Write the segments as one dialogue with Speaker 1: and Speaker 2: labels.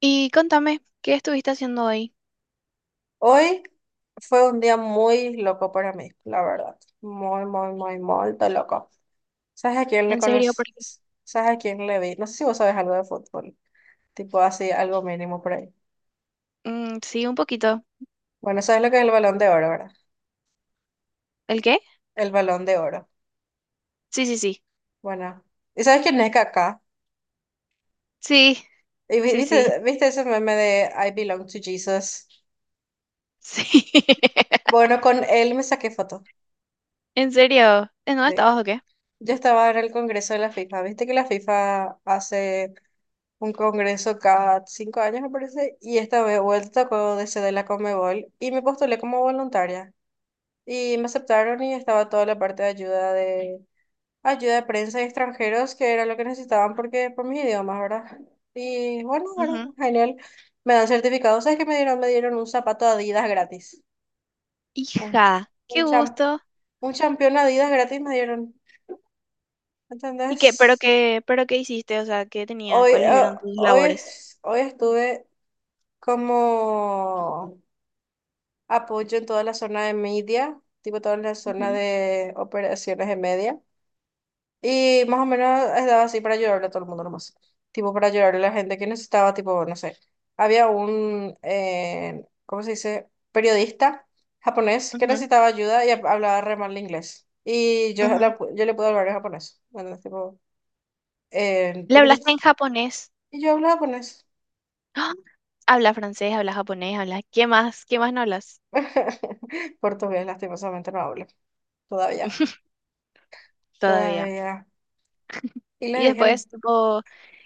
Speaker 1: Y contame, ¿qué estuviste haciendo hoy?
Speaker 2: Hoy fue un día muy loco para mí, la verdad. Muy, muy, muy, muy de loco. ¿Sabes a quién le
Speaker 1: ¿En serio? Porque
Speaker 2: conoces? ¿Sabes a quién le vi? No sé si vos sabes algo de fútbol. Tipo así, algo mínimo por ahí.
Speaker 1: mm, sí, un poquito.
Speaker 2: Bueno, ¿sabes lo que es el Balón de Oro, verdad?
Speaker 1: ¿El qué?
Speaker 2: El Balón de Oro.
Speaker 1: Sí, sí, sí.
Speaker 2: Bueno. ¿Y sabes quién es Kaká?
Speaker 1: Sí,
Speaker 2: ¿Y vi-
Speaker 1: sí, sí.
Speaker 2: viste, viste ese meme de I belong to Jesus?
Speaker 1: Sí.
Speaker 2: Bueno, con él me saqué foto.
Speaker 1: ¿En serio? ¿En dónde
Speaker 2: Sí.
Speaker 1: estabas o qué?
Speaker 2: Yo estaba en el Congreso de la FIFA. Viste que la FIFA hace un congreso cada 5 años, me parece, y esta vez vuelta con de sede de la Conmebol y me postulé como voluntaria. Y me aceptaron y estaba toda la parte de ayuda de prensa y extranjeros, que era lo que necesitaban porque por mis idiomas, ¿verdad? Y bueno, bueno,
Speaker 1: Ujú.
Speaker 2: genial. Me dan certificados, ¿sabes qué me dieron? Me dieron un zapato Adidas gratis. Un,
Speaker 1: Hija, qué
Speaker 2: un champ,
Speaker 1: gusto.
Speaker 2: un campeón Adidas gratis me dieron.
Speaker 1: ¿Y qué? ¿Pero
Speaker 2: ¿Entendés?
Speaker 1: qué? ¿Pero qué hiciste? O sea, ¿qué tenía?
Speaker 2: Hoy,
Speaker 1: ¿Cuáles
Speaker 2: eh,
Speaker 1: eran tus
Speaker 2: hoy,
Speaker 1: labores?
Speaker 2: hoy estuve como apoyo en toda la zona de media, tipo toda la
Speaker 1: Ujú,
Speaker 2: zona de operaciones de media. Y más o menos estaba así para ayudarle a todo el mundo nomás. Tipo para ayudarle a la gente que necesitaba, tipo, no sé. Había un, ¿cómo se dice? Periodista japonés que
Speaker 1: ujú,
Speaker 2: necesitaba ayuda y hablaba re mal inglés. Y yo,
Speaker 1: ujú.
Speaker 2: yo le pude hablar en japonés. Bueno, tipo,
Speaker 1: ¿Le
Speaker 2: tipo yo,
Speaker 1: hablaste en japonés?
Speaker 2: y yo hablo japonés.
Speaker 1: ¡Ah! Habla francés, habla japonés, habla. ¿Qué más? ¿Qué más no hablas?
Speaker 2: Portugués, lastimosamente, no hablo todavía.
Speaker 1: Todavía.
Speaker 2: Todavía. Y
Speaker 1: Y
Speaker 2: le dije...
Speaker 1: después, tipo,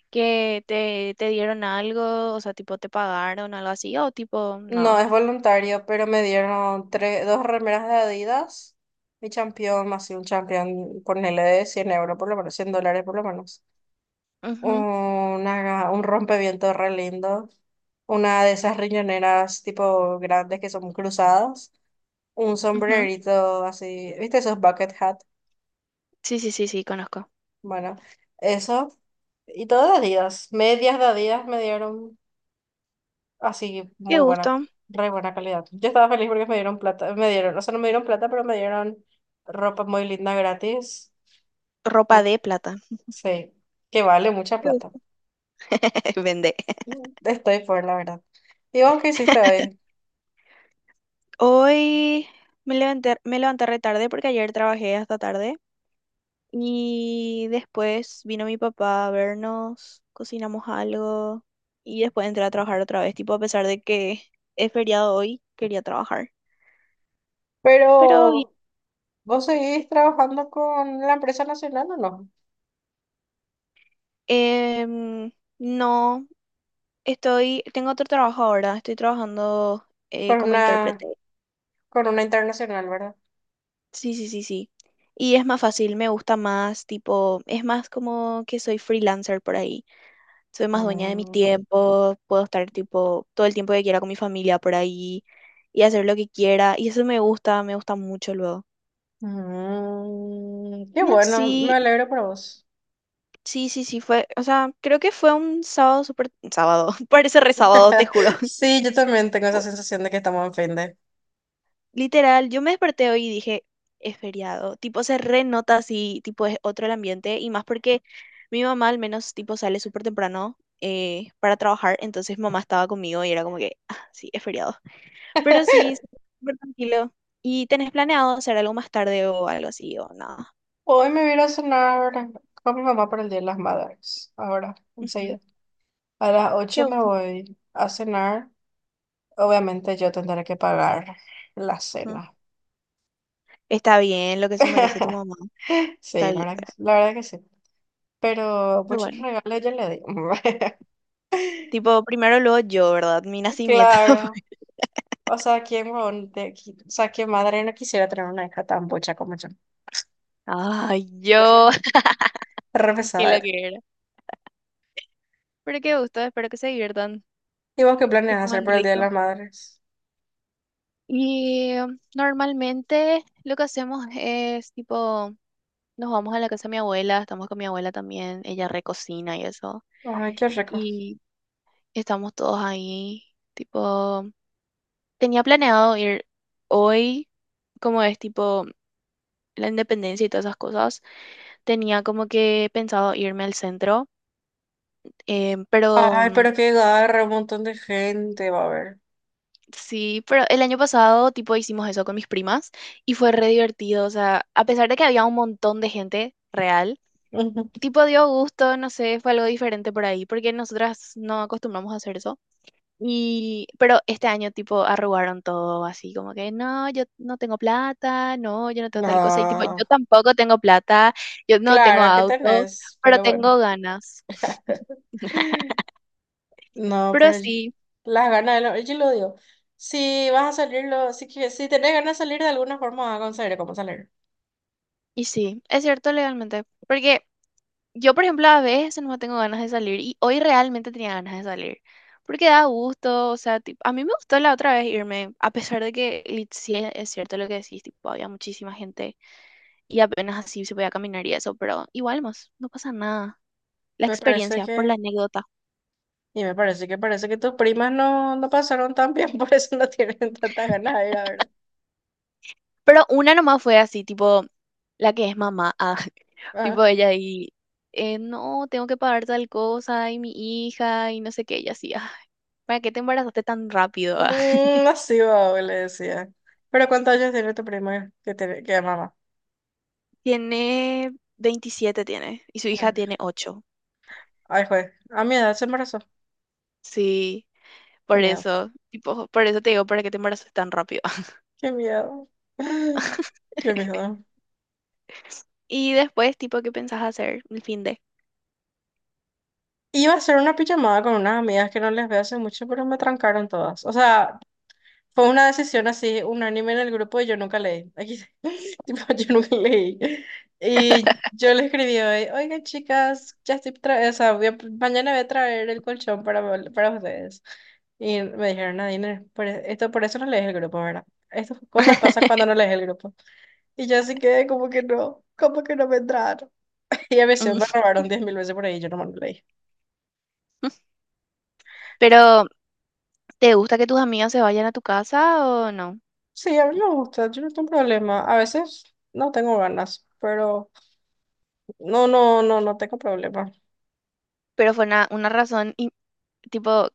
Speaker 1: que te dieron algo, o sea, tipo te pagaron algo así, o tipo,
Speaker 2: No,
Speaker 1: no.
Speaker 2: es voluntario, pero me dieron tres, dos remeras de Adidas, mi champión, más un champión, ponele de 100 euros por lo menos, 100 dólares por lo menos.
Speaker 1: Ujú,
Speaker 2: Una, un rompeviento re lindo, una de esas riñoneras tipo grandes que son cruzadas, un
Speaker 1: ujú.
Speaker 2: sombrerito así, ¿viste esos bucket hat?
Speaker 1: Sí, sí, sí, sí, conozco.
Speaker 2: Bueno, eso, y todo de Adidas, medias de Adidas me dieron. Así,
Speaker 1: Qué
Speaker 2: muy buena,
Speaker 1: gusto.
Speaker 2: re buena calidad. Yo estaba feliz porque me dieron plata, me dieron, o sea, no me dieron plata, pero me dieron ropa muy linda gratis.
Speaker 1: Ropa
Speaker 2: Uf,
Speaker 1: de plata.
Speaker 2: sí, que vale mucha
Speaker 1: Qué
Speaker 2: plata.
Speaker 1: gusto. Vende.
Speaker 2: Estoy por la verdad. ¿Y vos qué hiciste hoy?
Speaker 1: Hoy me levanté re tarde porque ayer trabajé hasta tarde y después vino mi papá a vernos, cocinamos algo y después entré a trabajar otra vez, tipo a pesar de que es feriado hoy, quería trabajar. Pero bien,
Speaker 2: Pero, ¿vos seguís trabajando con la empresa nacional o no?
Speaker 1: em, no. Tengo otro trabajo ahora, estoy trabajando
Speaker 2: Con
Speaker 1: como
Speaker 2: una,
Speaker 1: intérprete.
Speaker 2: con una internacional, ¿verdad?
Speaker 1: Sí, sí, sí, sí. Y es más fácil, me gusta más, tipo, es más como que soy freelancer por ahí. Soy más dueña de mi
Speaker 2: Mm,
Speaker 1: tiempo, puedo estar tipo todo el tiempo que quiera con mi familia por ahí y hacer lo que quiera. Y eso me gusta mucho luego.
Speaker 2: Qué
Speaker 1: Y
Speaker 2: bueno,
Speaker 1: así,
Speaker 2: me alegro por vos.
Speaker 1: sí, sí, sí, fue, o sea, creo que fue un sábado súper, sábado, parece re sábado, te juro.
Speaker 2: Sí, yo también tengo esa sensación de que estamos en fin de.
Speaker 1: Literal, yo me desperté hoy y dije, es feriado. Tipo, se renota así, tipo, es otro el ambiente. Y más porque mi mamá al menos, tipo, sale súper temprano para trabajar. Entonces mamá estaba conmigo y era como que, ah, sí, es feriado. Pero sí, sí, súper tranquilo. ¿Y tenés planeado hacer algo más tarde o algo así o nada?
Speaker 2: Hoy me voy a ir a cenar con mi mamá para el Día de las Madres. Ahora,
Speaker 1: Ujú.
Speaker 2: enseguida. A las
Speaker 1: Qué
Speaker 2: ocho me
Speaker 1: gusto.
Speaker 2: voy a cenar. Obviamente yo tendré que pagar la
Speaker 1: Ah,
Speaker 2: cena.
Speaker 1: está bien lo que se merece tu mamá. Está
Speaker 2: Sí, la
Speaker 1: bien.
Speaker 2: verdad que sí. La verdad que sí. Pero
Speaker 1: Pero
Speaker 2: muchos
Speaker 1: bueno.
Speaker 2: regalos yo le di.
Speaker 1: Tipo, primero luego yo, ¿verdad? Mi nacimiento.
Speaker 2: Claro. O sea, ¿quién, o sea, qué madre no quisiera tener una hija tan bocha como yo?
Speaker 1: Ay, yo,
Speaker 2: Re, re
Speaker 1: qué
Speaker 2: pesada
Speaker 1: lo
Speaker 2: era.
Speaker 1: que. Pero qué gusto, espero que se diviertan,
Speaker 2: ¿Y vos qué
Speaker 1: que
Speaker 2: planeas hacer
Speaker 1: coman
Speaker 2: para el Día de
Speaker 1: rico.
Speaker 2: las Madres?
Speaker 1: Y normalmente lo que hacemos es tipo, nos vamos a la casa de mi abuela, estamos con mi abuela también, ella recocina y eso.
Speaker 2: Ay, qué rico.
Speaker 1: Y estamos todos ahí, tipo, tenía planeado ir hoy, como es tipo la independencia y todas esas cosas, tenía como que pensado irme al centro, pero
Speaker 2: Ay, pero qué garra, un montón de gente va a ver.
Speaker 1: sí, pero el año pasado, tipo, hicimos eso con mis primas y fue re divertido. O sea, a pesar de que había un montón de gente real, tipo, dio gusto, no sé, fue algo diferente por ahí, porque nosotras no acostumbramos a hacer eso. Y, pero este año, tipo, arrugaron todo así, como que, no, yo no tengo plata, no, yo no tengo tal cosa. Y, tipo, yo
Speaker 2: No,
Speaker 1: tampoco tengo plata, yo no tengo
Speaker 2: claro que
Speaker 1: auto,
Speaker 2: tenés,
Speaker 1: pero
Speaker 2: pero bueno.
Speaker 1: tengo ganas.
Speaker 2: No,
Speaker 1: Pero
Speaker 2: pero
Speaker 1: sí,
Speaker 2: las ganas, yo lo digo. Si vas a salirlo, si, si tenés ganas de salir de alguna forma, vas a conseguir cómo salir.
Speaker 1: y sí, es cierto legalmente. Porque yo, por ejemplo, a veces no tengo ganas de salir y hoy realmente tenía ganas de salir porque da gusto, o sea, tipo, a mí me gustó la otra vez irme, a pesar de que sí es cierto lo que decís, tipo, había muchísima gente y apenas así se podía caminar y eso, pero igual más, no pasa nada. La
Speaker 2: Me parece
Speaker 1: experiencia, por la
Speaker 2: que,
Speaker 1: anécdota.
Speaker 2: y me parece que tus primas no, no pasaron tan bien, por eso no tienen tantas ganas de ir ahora.
Speaker 1: Pero una nomás fue así, tipo, la que es mamá, ah,
Speaker 2: Ajá.
Speaker 1: tipo ella y, no, tengo que pagar tal cosa y mi hija y no sé qué, ella así, "Ay, ¿para qué te embarazaste tan rápido?
Speaker 2: Mm, así va, le decía. Pero ¿cuántos años tiene tu prima que, que es mamá?
Speaker 1: Tiene 27 tiene y su hija tiene 8.
Speaker 2: Ay, juez, a mi edad se embarazó.
Speaker 1: Sí,
Speaker 2: Qué
Speaker 1: por
Speaker 2: miedo,
Speaker 1: eso, tipo, por eso te digo, para que te embaraces tan rápido.
Speaker 2: qué miedo, qué miedo.
Speaker 1: Y después, tipo, ¿qué pensás hacer el fin de?
Speaker 2: Iba a hacer una pijamada con unas amigas que no les veo hace mucho, pero me trancaron todas. O sea, fue una decisión así, unánime en el grupo y yo nunca leí. Aquí, tipo, yo nunca leí. Y yo le escribí hoy, oigan chicas, o sea, mañana voy a traer el colchón para ustedes. Y me dijeron, Nadine, esto, por eso no lees el grupo, ¿verdad? Estas cosas pasan cuando no lees el grupo. Y yo así que como que no me entraron. Y a veces me
Speaker 1: Mm.
Speaker 2: robaron 10.000 veces por ahí, yo no me leí.
Speaker 1: Pero, ¿te gusta que tus amigos se vayan a tu casa o no?
Speaker 2: Sí, a mí me gusta, yo no tengo problema. A veces no tengo ganas, pero no, no, no, no tengo problema.
Speaker 1: Pero fue una razón, tipo,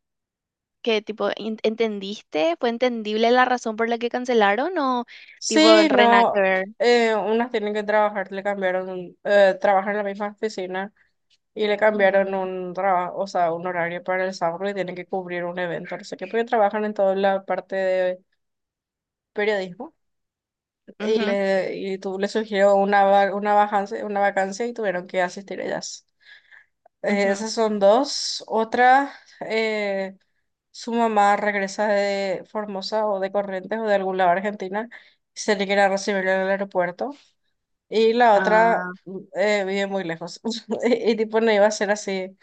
Speaker 1: que, tipo, ¿entendiste? ¿Fue entendible la razón por la que cancelaron o, tipo, en
Speaker 2: Sí,
Speaker 1: re nada que
Speaker 2: no,
Speaker 1: ver?
Speaker 2: unas tienen que trabajar, le cambiaron, trabajan en la misma oficina y le cambiaron
Speaker 1: Mm,
Speaker 2: un trabajo, o sea, un horario para el sábado y tienen que cubrir un evento, no sé qué, porque trabajan en toda la parte de periodismo. Y,
Speaker 1: ujú,
Speaker 2: y tú le sugirió una, una vacancia y tuvieron que asistir ellas.
Speaker 1: ujú.
Speaker 2: Esas son dos. Otra, eh, su mamá regresa de Formosa o de Corrientes o de algún lado de Argentina y se le quiere recibir en el aeropuerto. Y la otra
Speaker 1: Ah,
Speaker 2: vive muy lejos y tipo no iba a ser así.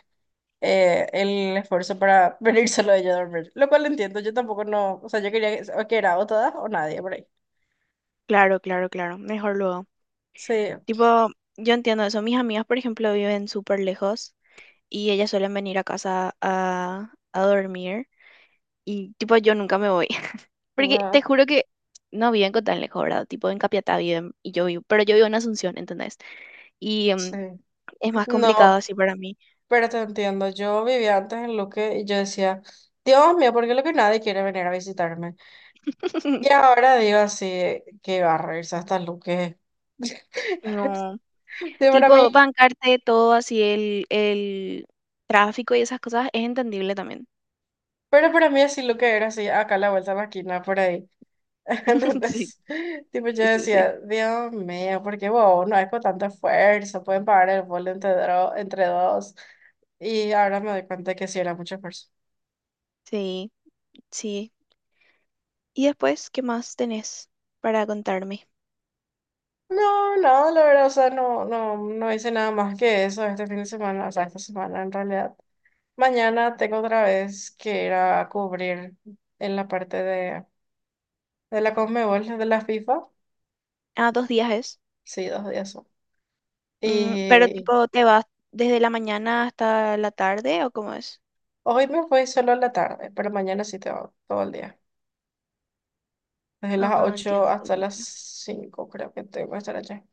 Speaker 2: El esfuerzo para venir solo de ella a dormir, lo cual entiendo, yo tampoco no, o sea, yo quería que, o que era o todas o nadie por ahí.
Speaker 1: claro, claro, claro. Mejor luego.
Speaker 2: Sí,
Speaker 1: Tipo, yo entiendo eso. Mis amigas, por ejemplo, viven súper lejos y ellas suelen venir a casa a dormir y tipo yo nunca me voy. Porque te
Speaker 2: no,
Speaker 1: juro que no viven con tan lejos, ¿verdad? Tipo en Capiatá viven y yo vivo, pero yo vivo en Asunción, ¿entendés? Y
Speaker 2: sí.
Speaker 1: es más complicado
Speaker 2: No,
Speaker 1: así para mí.
Speaker 2: pero te entiendo. Yo vivía antes en Luque y yo decía, Dios mío, ¿por qué Luque nadie quiere venir a visitarme? Y ahora digo así, que va a reírse hasta Luque.
Speaker 1: No,
Speaker 2: Sí, para
Speaker 1: tipo
Speaker 2: mí,
Speaker 1: bancarte todo así el tráfico y esas cosas es entendible también.
Speaker 2: pero para mí así Luque era así, acá a la vuelta de la esquina, por ahí.
Speaker 1: Sí,
Speaker 2: Entonces,
Speaker 1: sí,
Speaker 2: tipo, yo
Speaker 1: sí, sí.
Speaker 2: decía, Dios mío, ¿por qué wow, no hay con tanto esfuerzo? Pueden pagar el vuelo entre dos. Y ahora me doy cuenta que sí era mucho esfuerzo.
Speaker 1: Sí, sí. ¿Y después qué más tenés para contarme?
Speaker 2: No, no, la verdad, o sea, no, no, no hice nada más que eso este fin de semana, o sea, esta semana en realidad. Mañana tengo otra vez que ir a cubrir en la parte de la Conmebol, de la FIFA.
Speaker 1: Ah, 2 días es.
Speaker 2: Sí, 2 días son.
Speaker 1: Mm, pero
Speaker 2: Y
Speaker 1: tipo, ¿te vas desde la mañana hasta la tarde o cómo es?
Speaker 2: hoy me voy solo a la tarde, pero mañana sí tengo todo el día. Desde las
Speaker 1: Ah, entiendo,
Speaker 2: ocho hasta
Speaker 1: entiendo.
Speaker 2: las cinco creo que tengo que estar allá.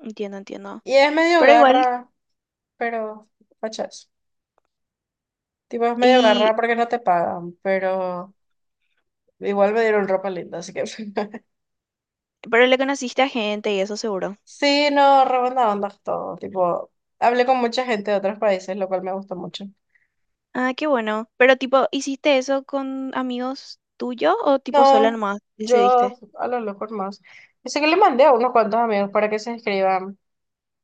Speaker 1: Entiendo, entiendo. Entiendo.
Speaker 2: Y es medio
Speaker 1: Pero igual,
Speaker 2: garra, pero fachas. Tipo, es medio
Speaker 1: y
Speaker 2: garra porque no te pagan, pero igual me dieron ropa linda, así que...
Speaker 1: pero le conociste a gente y eso seguro.
Speaker 2: Sí, no, re buena onda todo. Tipo, hablé con mucha gente de otros países, lo cual me gustó mucho.
Speaker 1: Ah, qué bueno. Pero tipo, ¿hiciste eso con amigos tuyos o tipo sola
Speaker 2: No,
Speaker 1: nomás decidiste?
Speaker 2: yo a lo loco más. Dice que le mandé a unos cuantos amigos para que se inscriban.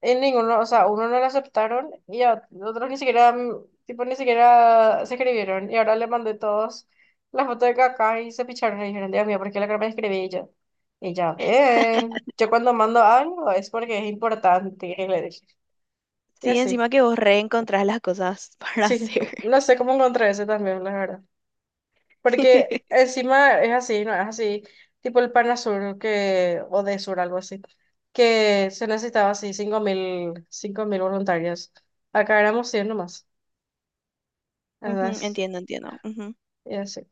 Speaker 2: En ninguno, o sea, uno no lo aceptaron y a otros ni siquiera, tipo, ni siquiera se escribieron. Y ahora le mandé todos las fotos de caca y se picharon y dijeron, Dios mío, ¿por qué la cara me escribí Y yo? Y ya ven. Yo cuando mando algo es porque es importante, le dije. Y
Speaker 1: Sí,
Speaker 2: así.
Speaker 1: encima que vos reencontrás las cosas para
Speaker 2: Sí,
Speaker 1: hacer.
Speaker 2: no sé cómo encontré ese también, la verdad. Porque encima es así, ¿no? Es así, tipo el Panasur que, o de Sur, algo así, que se necesitaba así cinco mil voluntarios. Acá éramos 100 nomás.
Speaker 1: Ujú,
Speaker 2: Entonces,
Speaker 1: entiendo, entiendo. Ujú,
Speaker 2: y así.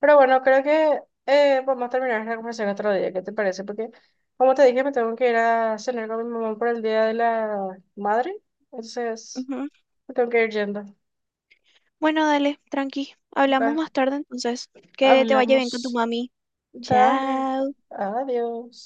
Speaker 2: Pero bueno, creo que vamos a terminar la conversación otro día, ¿qué te parece? Porque, como te dije, me tengo que ir a cenar con mi mamá por el Día de la Madre. Entonces,
Speaker 1: ujú.
Speaker 2: me tengo que ir yendo.
Speaker 1: Bueno, dale, tranqui. Hablamos
Speaker 2: Dale,
Speaker 1: más tarde entonces. Que te vaya bien con tu
Speaker 2: hablamos.
Speaker 1: mami.
Speaker 2: Dale,
Speaker 1: Chao.
Speaker 2: adiós.